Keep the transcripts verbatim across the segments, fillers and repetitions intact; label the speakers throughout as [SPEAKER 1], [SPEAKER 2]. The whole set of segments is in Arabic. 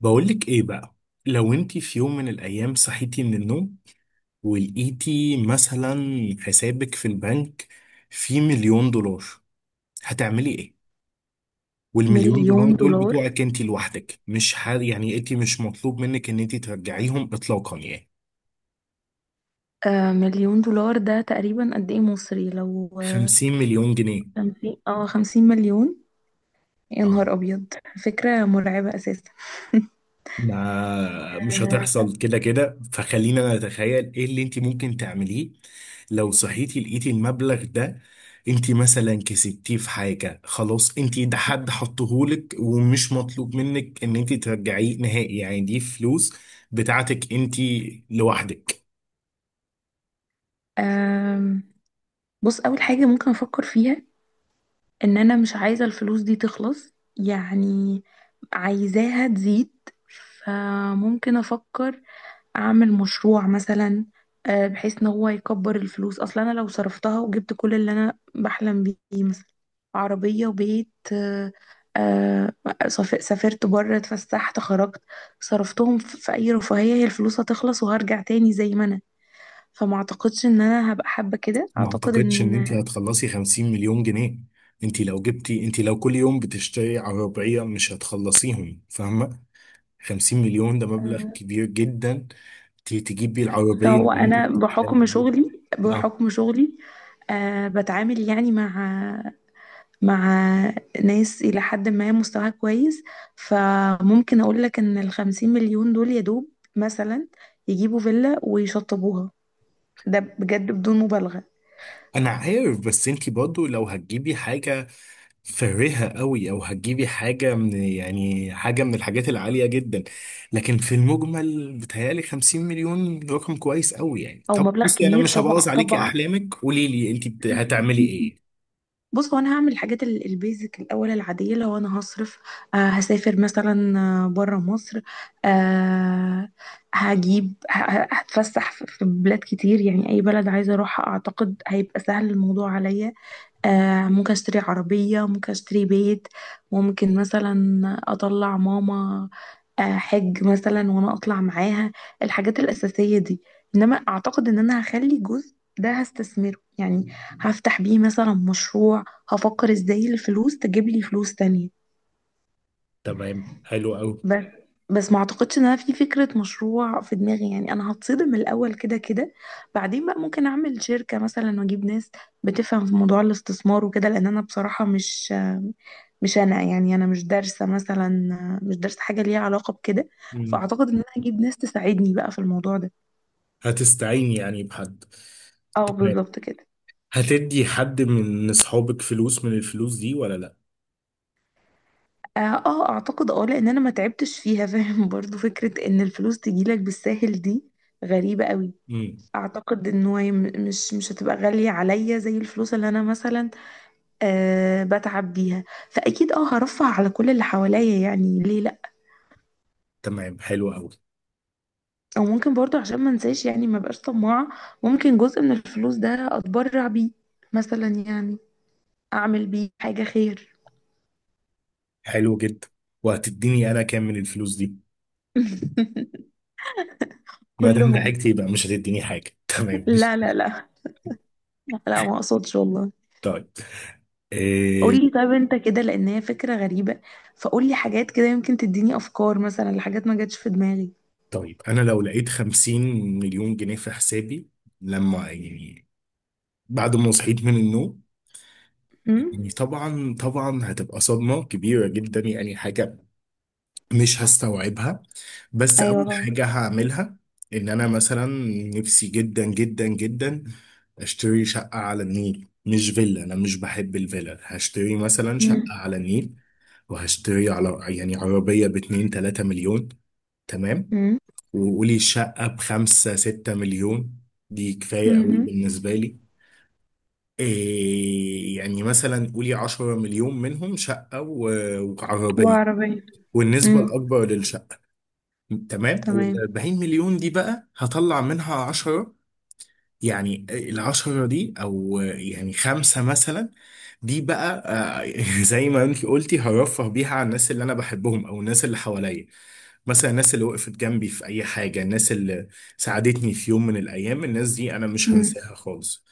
[SPEAKER 1] بقولك ايه بقى؟ لو انتي في يوم من الايام صحيتي من النوم ولقيتي مثلا حسابك في البنك فيه مليون دولار، هتعملي ايه؟ والمليون دولار
[SPEAKER 2] مليون
[SPEAKER 1] دول
[SPEAKER 2] دولار.
[SPEAKER 1] بتوعك انتي لوحدك، مش ح... يعني انتي مش مطلوب منك ان انتي ترجعيهم اطلاقا يعني.
[SPEAKER 2] آه مليون دولار ده تقريبا قد ايه مصري؟ لو
[SPEAKER 1] خمسين مليون جنيه.
[SPEAKER 2] خمسين، اه خمسين مليون. يا
[SPEAKER 1] اه.
[SPEAKER 2] نهار ابيض، فكرة مرعبة اساسا.
[SPEAKER 1] ما مش
[SPEAKER 2] آه
[SPEAKER 1] هتحصل كده كده، فخلينا انا اتخيل ايه اللي انت ممكن تعمليه لو صحيتي لقيتي المبلغ ده. انت مثلا كسبتيه في حاجة، خلاص انت ده حد حطهولك ومش مطلوب منك ان انت ترجعيه نهائي، يعني دي فلوس بتاعتك انت لوحدك.
[SPEAKER 2] آم، بص، اول حاجة ممكن افكر فيها ان انا مش عايزة الفلوس دي تخلص يعني، عايزاها تزيد. فممكن افكر اعمل مشروع مثلا، آه، بحيث ان هو يكبر الفلوس. اصلا انا لو صرفتها وجبت كل اللي انا بحلم بيه، مثلا عربية وبيت، آه، آه، سف- سافرت بره، اتفسحت، خرجت، صرفتهم في في اي رفاهية، هي الفلوس هتخلص وهرجع تاني زي ما انا. فما اعتقدش ان انا هبقى حابة كده.
[SPEAKER 1] ما
[SPEAKER 2] اعتقد
[SPEAKER 1] اعتقدش ان انت
[SPEAKER 2] ان
[SPEAKER 1] هتخلصي خمسين مليون جنيه. انت لو جبتي انت لو كل يوم بتشتري عربية مش هتخلصيهم، فاهمة؟ خمسين مليون ده مبلغ
[SPEAKER 2] آه،
[SPEAKER 1] كبير جدا. ت- تجيب بيه العربية
[SPEAKER 2] هو
[SPEAKER 1] اللي انت
[SPEAKER 2] انا
[SPEAKER 1] بتحلم
[SPEAKER 2] بحكم
[SPEAKER 1] بيها.
[SPEAKER 2] شغلي،
[SPEAKER 1] اه،
[SPEAKER 2] بحكم شغلي آه، بتعامل يعني مع مع ناس إلى حد ما مستواها كويس. فممكن أقول لك إن الخمسين مليون دول يا دوب مثلا يجيبوا فيلا ويشطبوها. ده بجد بدون مبالغة.
[SPEAKER 1] انا عارف، بس انت برضو لو هتجيبي حاجة فارهة قوي او هتجيبي حاجة من يعني حاجة من الحاجات العالية جدا، لكن في المجمل بتهيألي خمسين مليون رقم كويس قوي يعني.
[SPEAKER 2] أو
[SPEAKER 1] طب
[SPEAKER 2] مبلغ
[SPEAKER 1] بصي، انا
[SPEAKER 2] كبير
[SPEAKER 1] مش هبوظ
[SPEAKER 2] طبعا،
[SPEAKER 1] عليكي
[SPEAKER 2] طبعا.
[SPEAKER 1] احلامك، قولي لي انت بت- هتعملي ايه.
[SPEAKER 2] بص، هو انا هعمل الحاجات ال- البيزك الاول، العاديه. لو انا هصرف، آه هسافر مثلا آه بره مصر، آه هجيب ه- ه- هتفسح في في بلاد كتير. يعني اي بلد عايزه اروحها اعتقد هيبقى سهل الموضوع عليا. آه ممكن اشتري عربية، ممكن اشتري بيت، ممكن مثلا اطلع ماما آه حج مثلا وانا اطلع معاها. الحاجات الأساسية دي. انما اعتقد ان انا هخلي جزء ده هستثمره يعني، هفتح بيه مثلا مشروع. هفكر ازاي الفلوس تجيب لي فلوس تانية.
[SPEAKER 1] تمام، حلو قوي.
[SPEAKER 2] بس بس ما اعتقدش ان انا في فكرة مشروع في دماغي يعني. انا هتصدم الاول كده كده. بعدين بقى ممكن اعمل شركة مثلا واجيب ناس بتفهم في موضوع الاستثمار وكده، لان انا بصراحة مش مش انا يعني، انا مش دارسه مثلا، مش دارسه حاجه ليها علاقه بكده.
[SPEAKER 1] مم.
[SPEAKER 2] فاعتقد ان انا هجيب ناس تساعدني بقى في الموضوع ده.
[SPEAKER 1] هتستعيني يعني بحد؟
[SPEAKER 2] اه بالظبط كده.
[SPEAKER 1] هتدي حد من اصحابك فلوس من الفلوس دي ولا لا؟
[SPEAKER 2] اه، آه، اعتقد اه، لان انا ما تعبتش فيها، فاهم؟ برضو فكره ان الفلوس تجيلك بالساهل دي غريبه قوي.
[SPEAKER 1] امم.
[SPEAKER 2] اعتقد ان هو م- مش مش هتبقى غاليه عليا زي الفلوس اللي انا مثلا أه بتعب بيها. فاكيد اه هرفه على كل اللي حواليا، يعني ليه.
[SPEAKER 1] تمام، حلو قوي.
[SPEAKER 2] او ممكن برضو عشان ما انساش، يعني ما بقاش طماعة، ممكن جزء من الفلوس ده اتبرع بيه مثلا يعني، اعمل بيه حاجة خير.
[SPEAKER 1] حلو جدا. وهتديني انا كام من الفلوس دي؟ ما دام
[SPEAKER 2] كلهم.
[SPEAKER 1] ضحكت يبقى مش هتديني حاجه تمام.
[SPEAKER 2] لا لا لا، لا ما اقصدش والله.
[SPEAKER 1] طيب. إيه؟
[SPEAKER 2] قولي طيب انت كده، لان هي فكرة غريبة. فقولي حاجات كده يمكن تديني افكار مثلا لحاجات ما جاتش في دماغي.
[SPEAKER 1] طيب، انا لو لقيت خمسين مليون جنيه في حسابي، لما يعني بعد ما صحيت من النوم،
[SPEAKER 2] امم.
[SPEAKER 1] يعني طبعا طبعا هتبقى صدمه كبيره جدا، يعني حاجه مش هستوعبها. بس مم.
[SPEAKER 2] ايوه
[SPEAKER 1] اول
[SPEAKER 2] طبعا.
[SPEAKER 1] حاجة هعملها ان انا مثلا نفسي جدا جدا جدا اشتري شقة على النيل. مش فيلا، انا مش بحب الفيلا، هشتري مثلا شقة
[SPEAKER 2] امم.
[SPEAKER 1] على النيل. وهشتري على يعني عربية باتنين تلاتة مليون. تمام.
[SPEAKER 2] امم.
[SPEAKER 1] وقولي شقة بخمسة ستة مليون، دي كفاية مم. قوي
[SPEAKER 2] امم
[SPEAKER 1] بالنسبة لي. إيه يعني مثلا قولي عشرة مليون منهم شقة و- وعربية،
[SPEAKER 2] وعربية.
[SPEAKER 1] والنسبة
[SPEAKER 2] امم.
[SPEAKER 1] الأكبر للشقة. تمام. وال
[SPEAKER 2] تمام.
[SPEAKER 1] اربعين مليون دي بقى هطلع منها عشرة. يعني ال عشرة دي او يعني خمسة مثلا، دي بقى آه، زي ما انت قلتي هرفه بيها على الناس اللي انا بحبهم او الناس اللي حواليا. مثلا الناس اللي وقفت جنبي في اي حاجة، الناس اللي ساعدتني في يوم من الايام، الناس دي انا مش
[SPEAKER 2] امم.
[SPEAKER 1] هنساها خالص.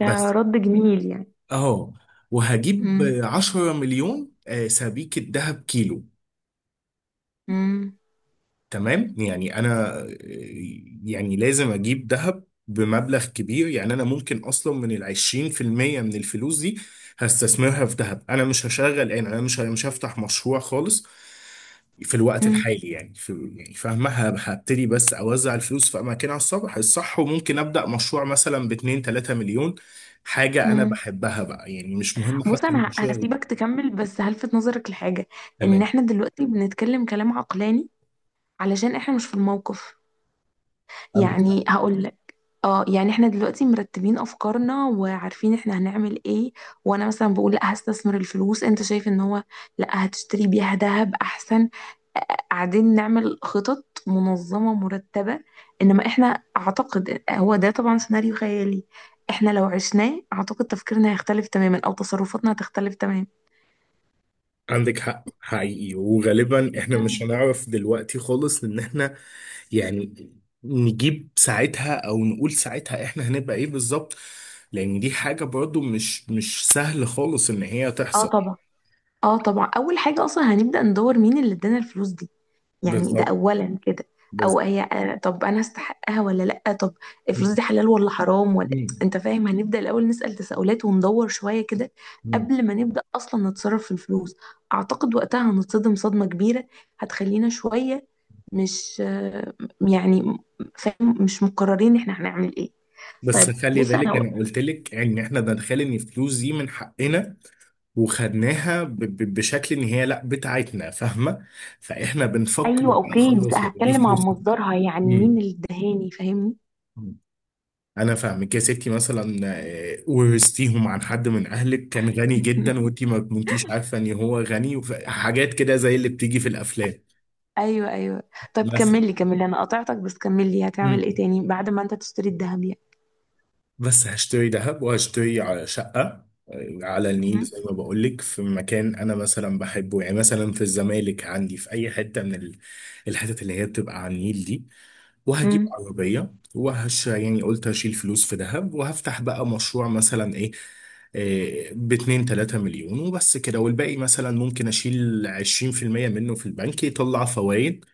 [SPEAKER 1] بس.
[SPEAKER 2] جميل يعني.
[SPEAKER 1] اه. وهجيب
[SPEAKER 2] امم.
[SPEAKER 1] عشرة مليون آه، سبيكة ذهب كيلو.
[SPEAKER 2] امم.
[SPEAKER 1] تمام. يعني انا يعني لازم اجيب ذهب بمبلغ كبير، يعني انا ممكن اصلا من ال عشرين في المية من الفلوس دي هستثمرها في ذهب. انا مش هشغل، يعني انا مش مش هفتح مشروع خالص في الوقت الحالي، يعني في يعني فاهمة ه- هبتدي بس اوزع الفلوس في اماكنها الصح الصح، وممكن ابدا مشروع مثلا ب اتنين تلاتة مليون، حاجة انا
[SPEAKER 2] امم.
[SPEAKER 1] بحبها بقى يعني، مش مهم
[SPEAKER 2] بص،
[SPEAKER 1] حتى
[SPEAKER 2] انا ه-
[SPEAKER 1] المشروع.
[SPEAKER 2] هسيبك تكمل بس هلفت نظرك لحاجه، ان
[SPEAKER 1] تمام.
[SPEAKER 2] احنا دلوقتي بنتكلم كلام عقلاني علشان احنا مش في الموقف.
[SPEAKER 1] عندك
[SPEAKER 2] يعني هقول لك اه، يعني احنا دلوقتي مرتبين افكارنا وعارفين احنا هنعمل ايه. وانا مثلا بقول لا هستثمر الفلوس، انت شايف ان هو لا هتشتري بيها ذهب احسن. آه، قاعدين نعمل خطط منظمة مرتبة. إنما إحنا أعتقد هو ده طبعا سيناريو خيالي. إحنا لو عشناه أعتقد تفكيرنا هيختلف تماما أو تصرفاتنا هتختلف تماما.
[SPEAKER 1] عندك حق حقيقي، وغالبا احنا مش
[SPEAKER 2] م-م.
[SPEAKER 1] هنعرف دلوقتي خالص ان احنا يعني نجيب ساعتها او نقول ساعتها احنا هنبقى ايه بالظبط، لان دي حاجة برضو مش مش سهل خالص ان هي
[SPEAKER 2] اه
[SPEAKER 1] تحصل.
[SPEAKER 2] طبعا. اه طبعا، اول حاجه اصلا هنبدا ندور مين اللي ادانا الفلوس دي، يعني ده
[SPEAKER 1] بالظبط.
[SPEAKER 2] اولا كده. او
[SPEAKER 1] بس.
[SPEAKER 2] هي آه، طب انا استحقها ولا لا؟ طب الفلوس دي حلال ولا حرام ولا؟
[SPEAKER 1] مم.
[SPEAKER 2] انت فاهم، هنبدا الاول نسال تساؤلات وندور شويه كده
[SPEAKER 1] مم.
[SPEAKER 2] قبل ما نبدا اصلا نتصرف في الفلوس. اعتقد وقتها هنتصدم صدمه كبيره هتخلينا شويه مش آه، يعني فاهم، مش مقررين احنا هنعمل ايه.
[SPEAKER 1] بس
[SPEAKER 2] طيب
[SPEAKER 1] خلي
[SPEAKER 2] بص
[SPEAKER 1] بالك
[SPEAKER 2] انا،
[SPEAKER 1] انا قلت لك ان احنا دخل ان الفلوس دي من حقنا وخدناها ب- ب- بشكل ان هي لا بتاعتنا، فاهمة؟ فاحنا بنفكر
[SPEAKER 2] ايوه
[SPEAKER 1] بقى
[SPEAKER 2] اوكي، بس
[SPEAKER 1] خلاص يعني، دي
[SPEAKER 2] هتكلم عن مصدرها يعني مين الدهاني، فاهمني؟
[SPEAKER 1] فلوس. انا فاهمك يا ستي، مثلا آه، ورثتيهم عن حد من اهلك كان غني جدا وانتي ما كنتيش عارفه ان هو غني، وحاجات كده زي اللي بتيجي في الافلام
[SPEAKER 2] ايوه ايوه. طب
[SPEAKER 1] مثلا.
[SPEAKER 2] كملي كملي، انا قطعتك بس، كملي هتعمل ايه
[SPEAKER 1] مم.
[SPEAKER 2] تاني بعد ما انت تشتري الذهب يعني؟
[SPEAKER 1] بس هشتري ذهب وهشتري على شقه آه، على النيل،
[SPEAKER 2] مهم.
[SPEAKER 1] زي ما بقول لك في مكان انا مثلا بحبه، يعني مثلا في الزمالك، عندي في اي حته من ال- الحتت اللي هي بتبقى على النيل دي. وهجيب
[SPEAKER 2] امم.
[SPEAKER 1] عربية، وهش يعني قلت هشيل فلوس في دهب، وهفتح بقى مشروع مثلا ايه، إيه باتنين تلاتة مليون وبس كده. والباقي مثلا ممكن اشيل عشرين في المية منه في البنك، يطلع فوائد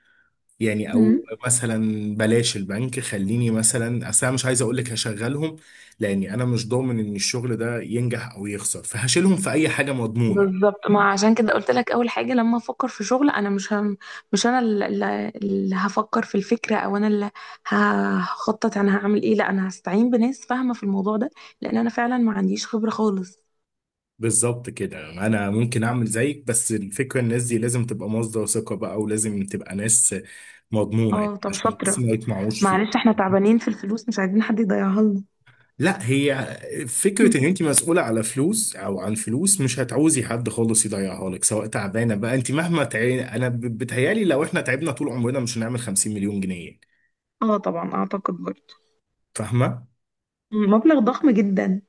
[SPEAKER 1] يعني.
[SPEAKER 2] امم.
[SPEAKER 1] او مثلا بلاش البنك، خليني مثلا اصل انا مش عايز اقول لك هشغلهم، لاني انا مش ضامن ان الشغل ده ينجح او يخسر، فهشيلهم في اي حاجة مضمونة.
[SPEAKER 2] بالظبط، ما عشان كده قلت لك اول حاجه لما افكر في شغل، انا مش هم، مش انا اللي اللي- اللي هفكر في الفكره او انا اللي هخطط انا هعمل ايه. لا، انا هستعين بناس فاهمه في الموضوع ده، لان انا فعلا ما عنديش خبره خالص.
[SPEAKER 1] بالظبط كده، انا ممكن اعمل زيك، بس الفكره الناس دي لازم تبقى مصدر ثقه بقى، ولازم تبقى ناس مضمونه
[SPEAKER 2] اه
[SPEAKER 1] يعني،
[SPEAKER 2] طب
[SPEAKER 1] عشان بس
[SPEAKER 2] شاطره.
[SPEAKER 1] ما يطمعوش
[SPEAKER 2] معلش
[SPEAKER 1] فيه.
[SPEAKER 2] احنا تعبانين في الفلوس، مش عايزين حد يضيعها لنا.
[SPEAKER 1] لا، هي فكره ان انت مسؤوله على فلوس او عن فلوس مش هتعوزي حد خالص يضيعها لك، سواء تعبانه بقى انت مهما تعي... انا ب- بتهيالي لو احنا تعبنا طول عمرنا مش هنعمل خمسين مليون جنيه يعني.
[SPEAKER 2] اه طبعا اعتقد برضه
[SPEAKER 1] فاهمه؟
[SPEAKER 2] مبلغ ضخم جدا.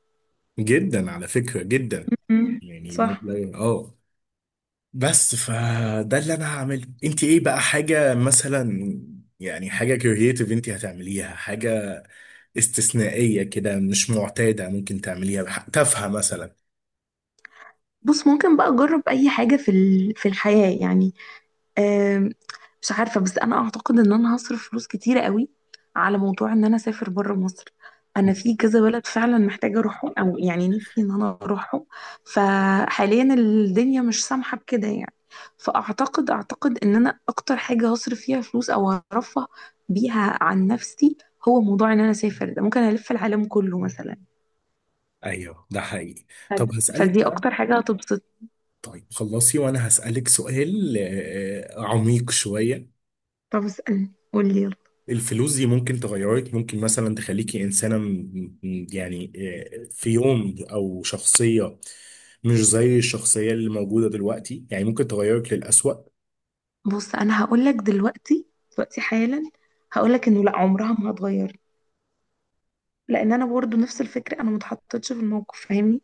[SPEAKER 1] جدا، على فكره جدا،
[SPEAKER 2] مم.
[SPEAKER 1] يعني
[SPEAKER 2] صح.
[SPEAKER 1] مبلغ اه. بس فده اللي انا هعمله، انت ايه بقى، حاجه مثلا يعني حاجه كرييتيف انت هتعمليها، حاجه استثنائيه كده مش معتاده، ممكن تعمليها تافهه مثلا.
[SPEAKER 2] بص ممكن بقى اجرب اي حاجة في ال- في الحياة يعني. آم، مش عارفة، بس أنا أعتقد إن أنا هصرف فلوس كتيرة قوي على موضوع إن أنا أسافر بره مصر. أنا في كذا بلد فعلا محتاجة أروحهم، أو يعني نفسي إن أنا أروحهم، فحاليا الدنيا مش سامحة بكده يعني. فأعتقد، أعتقد إن أنا أكتر حاجة هصرف فيها فلوس أو هرفه بيها عن نفسي، هو موضوع إن أنا أسافر ده. ممكن ألف العالم كله مثلا.
[SPEAKER 1] ايوه، ده حقيقي. طب
[SPEAKER 2] فد-
[SPEAKER 1] هسألك
[SPEAKER 2] فدي
[SPEAKER 1] بقى.
[SPEAKER 2] أكتر حاجة هتبسط.
[SPEAKER 1] طيب خلصي، وانا هسألك سؤال آه، عميق شوية.
[SPEAKER 2] طب اسألني، قولي يلا.
[SPEAKER 1] الفلوس دي ممكن تغيرك؟ ممكن مثلا تخليكي إنسانة م- م- يعني آه، في يوم، أو شخصية مش زي الشخصية اللي موجودة دلوقتي، يعني ممكن تغيرك للأسوأ؟
[SPEAKER 2] بص انا هقولك دلوقتي، دلوقتي حالا هقولك انه لا، عمرها ما هتغير، لان انا برضو نفس الفكره، انا ما اتحطيتش في الموقف، فاهمني؟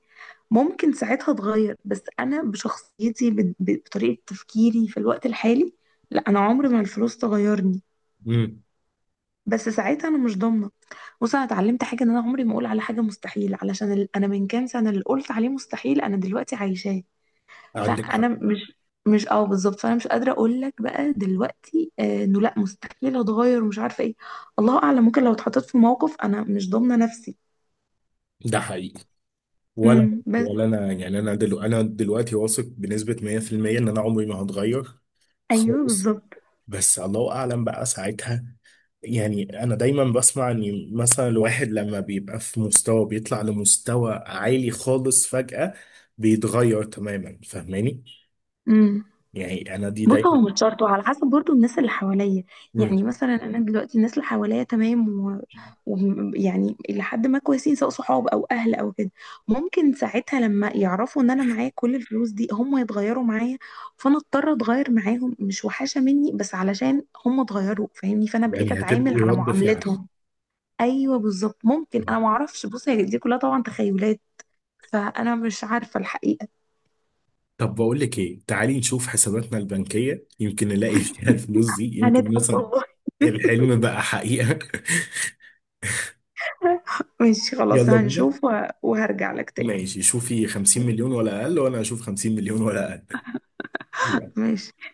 [SPEAKER 2] ممكن ساعتها اتغير، بس انا بشخصيتي، ب- ب- بطريقه تفكيري في الوقت الحالي، لا انا عمري ما الفلوس تغيرني.
[SPEAKER 1] امم.
[SPEAKER 2] بس ساعتها انا مش ضامنه. بص انا اتعلمت حاجه، ان انا عمري ما اقول على حاجه مستحيل، علشان ال- انا من كام سنه اللي قلت عليه مستحيل انا دلوقتي عايشاه.
[SPEAKER 1] عندك حق،
[SPEAKER 2] فانا مش مش اه بالظبط، فانا مش قادره اقول لك بقى دلوقتي آه، انه لا مستحيل اتغير ومش عارفه ايه. الله اعلم، ممكن لو اتحطيت في موقف انا مش ضامنه نفسي.
[SPEAKER 1] ده حقيقي. ولا.
[SPEAKER 2] امم. بس
[SPEAKER 1] ولا أنا يعني أنا دلو أنا دلوقتي واثق بنسبة مية في المية إن أنا عمري ما هتغير
[SPEAKER 2] ايوه
[SPEAKER 1] خالص.
[SPEAKER 2] بالظبط.
[SPEAKER 1] بس الله اعلم بقى ساعتها. يعني انا دايما بسمع ان مثلا الواحد لما بيبقى في مستوى بيطلع لمستوى عالي خالص فجأة بيتغير تماما، فاهماني؟
[SPEAKER 2] امم.
[SPEAKER 1] يعني انا دي
[SPEAKER 2] بص
[SPEAKER 1] دايما.
[SPEAKER 2] هو مش شرط، وعلى حسب برضو الناس اللي حواليا.
[SPEAKER 1] مم.
[SPEAKER 2] يعني مثلا انا دلوقتي الناس اللي حواليا تمام، و... و... يعني لحد ما كويسين، سواء صحاب او اهل او كده. ممكن ساعتها لما يعرفوا ان انا معايا كل الفلوس دي هم يتغيروا معايا، فانا اضطر اتغير معاهم. مش وحشة مني بس علشان هم اتغيروا، فاهمني؟ فانا بقيت
[SPEAKER 1] يعني
[SPEAKER 2] اتعامل
[SPEAKER 1] هتبقي
[SPEAKER 2] على
[SPEAKER 1] رد فعل.
[SPEAKER 2] معاملتهم. ايوه بالظبط. ممكن
[SPEAKER 1] آه.
[SPEAKER 2] انا ما اعرفش، بص هي دي كلها طبعا تخيلات، فانا مش عارفة الحقيقة.
[SPEAKER 1] طب بقول لك ايه، تعالي نشوف حساباتنا البنكية، يمكن نلاقي فيها الفلوس دي، يمكن
[SPEAKER 2] هنضحك
[SPEAKER 1] مثلا
[SPEAKER 2] والله.
[SPEAKER 1] الحلم بقى حقيقة
[SPEAKER 2] ماشي خلاص،
[SPEAKER 1] يلا بينا.
[SPEAKER 2] هنشوف و- وهرجع لك تاني.
[SPEAKER 1] ماشي، شوفي خمسين مليون ولا اقل، وانا اشوف خمسين مليون ولا اقل.
[SPEAKER 2] ماشي.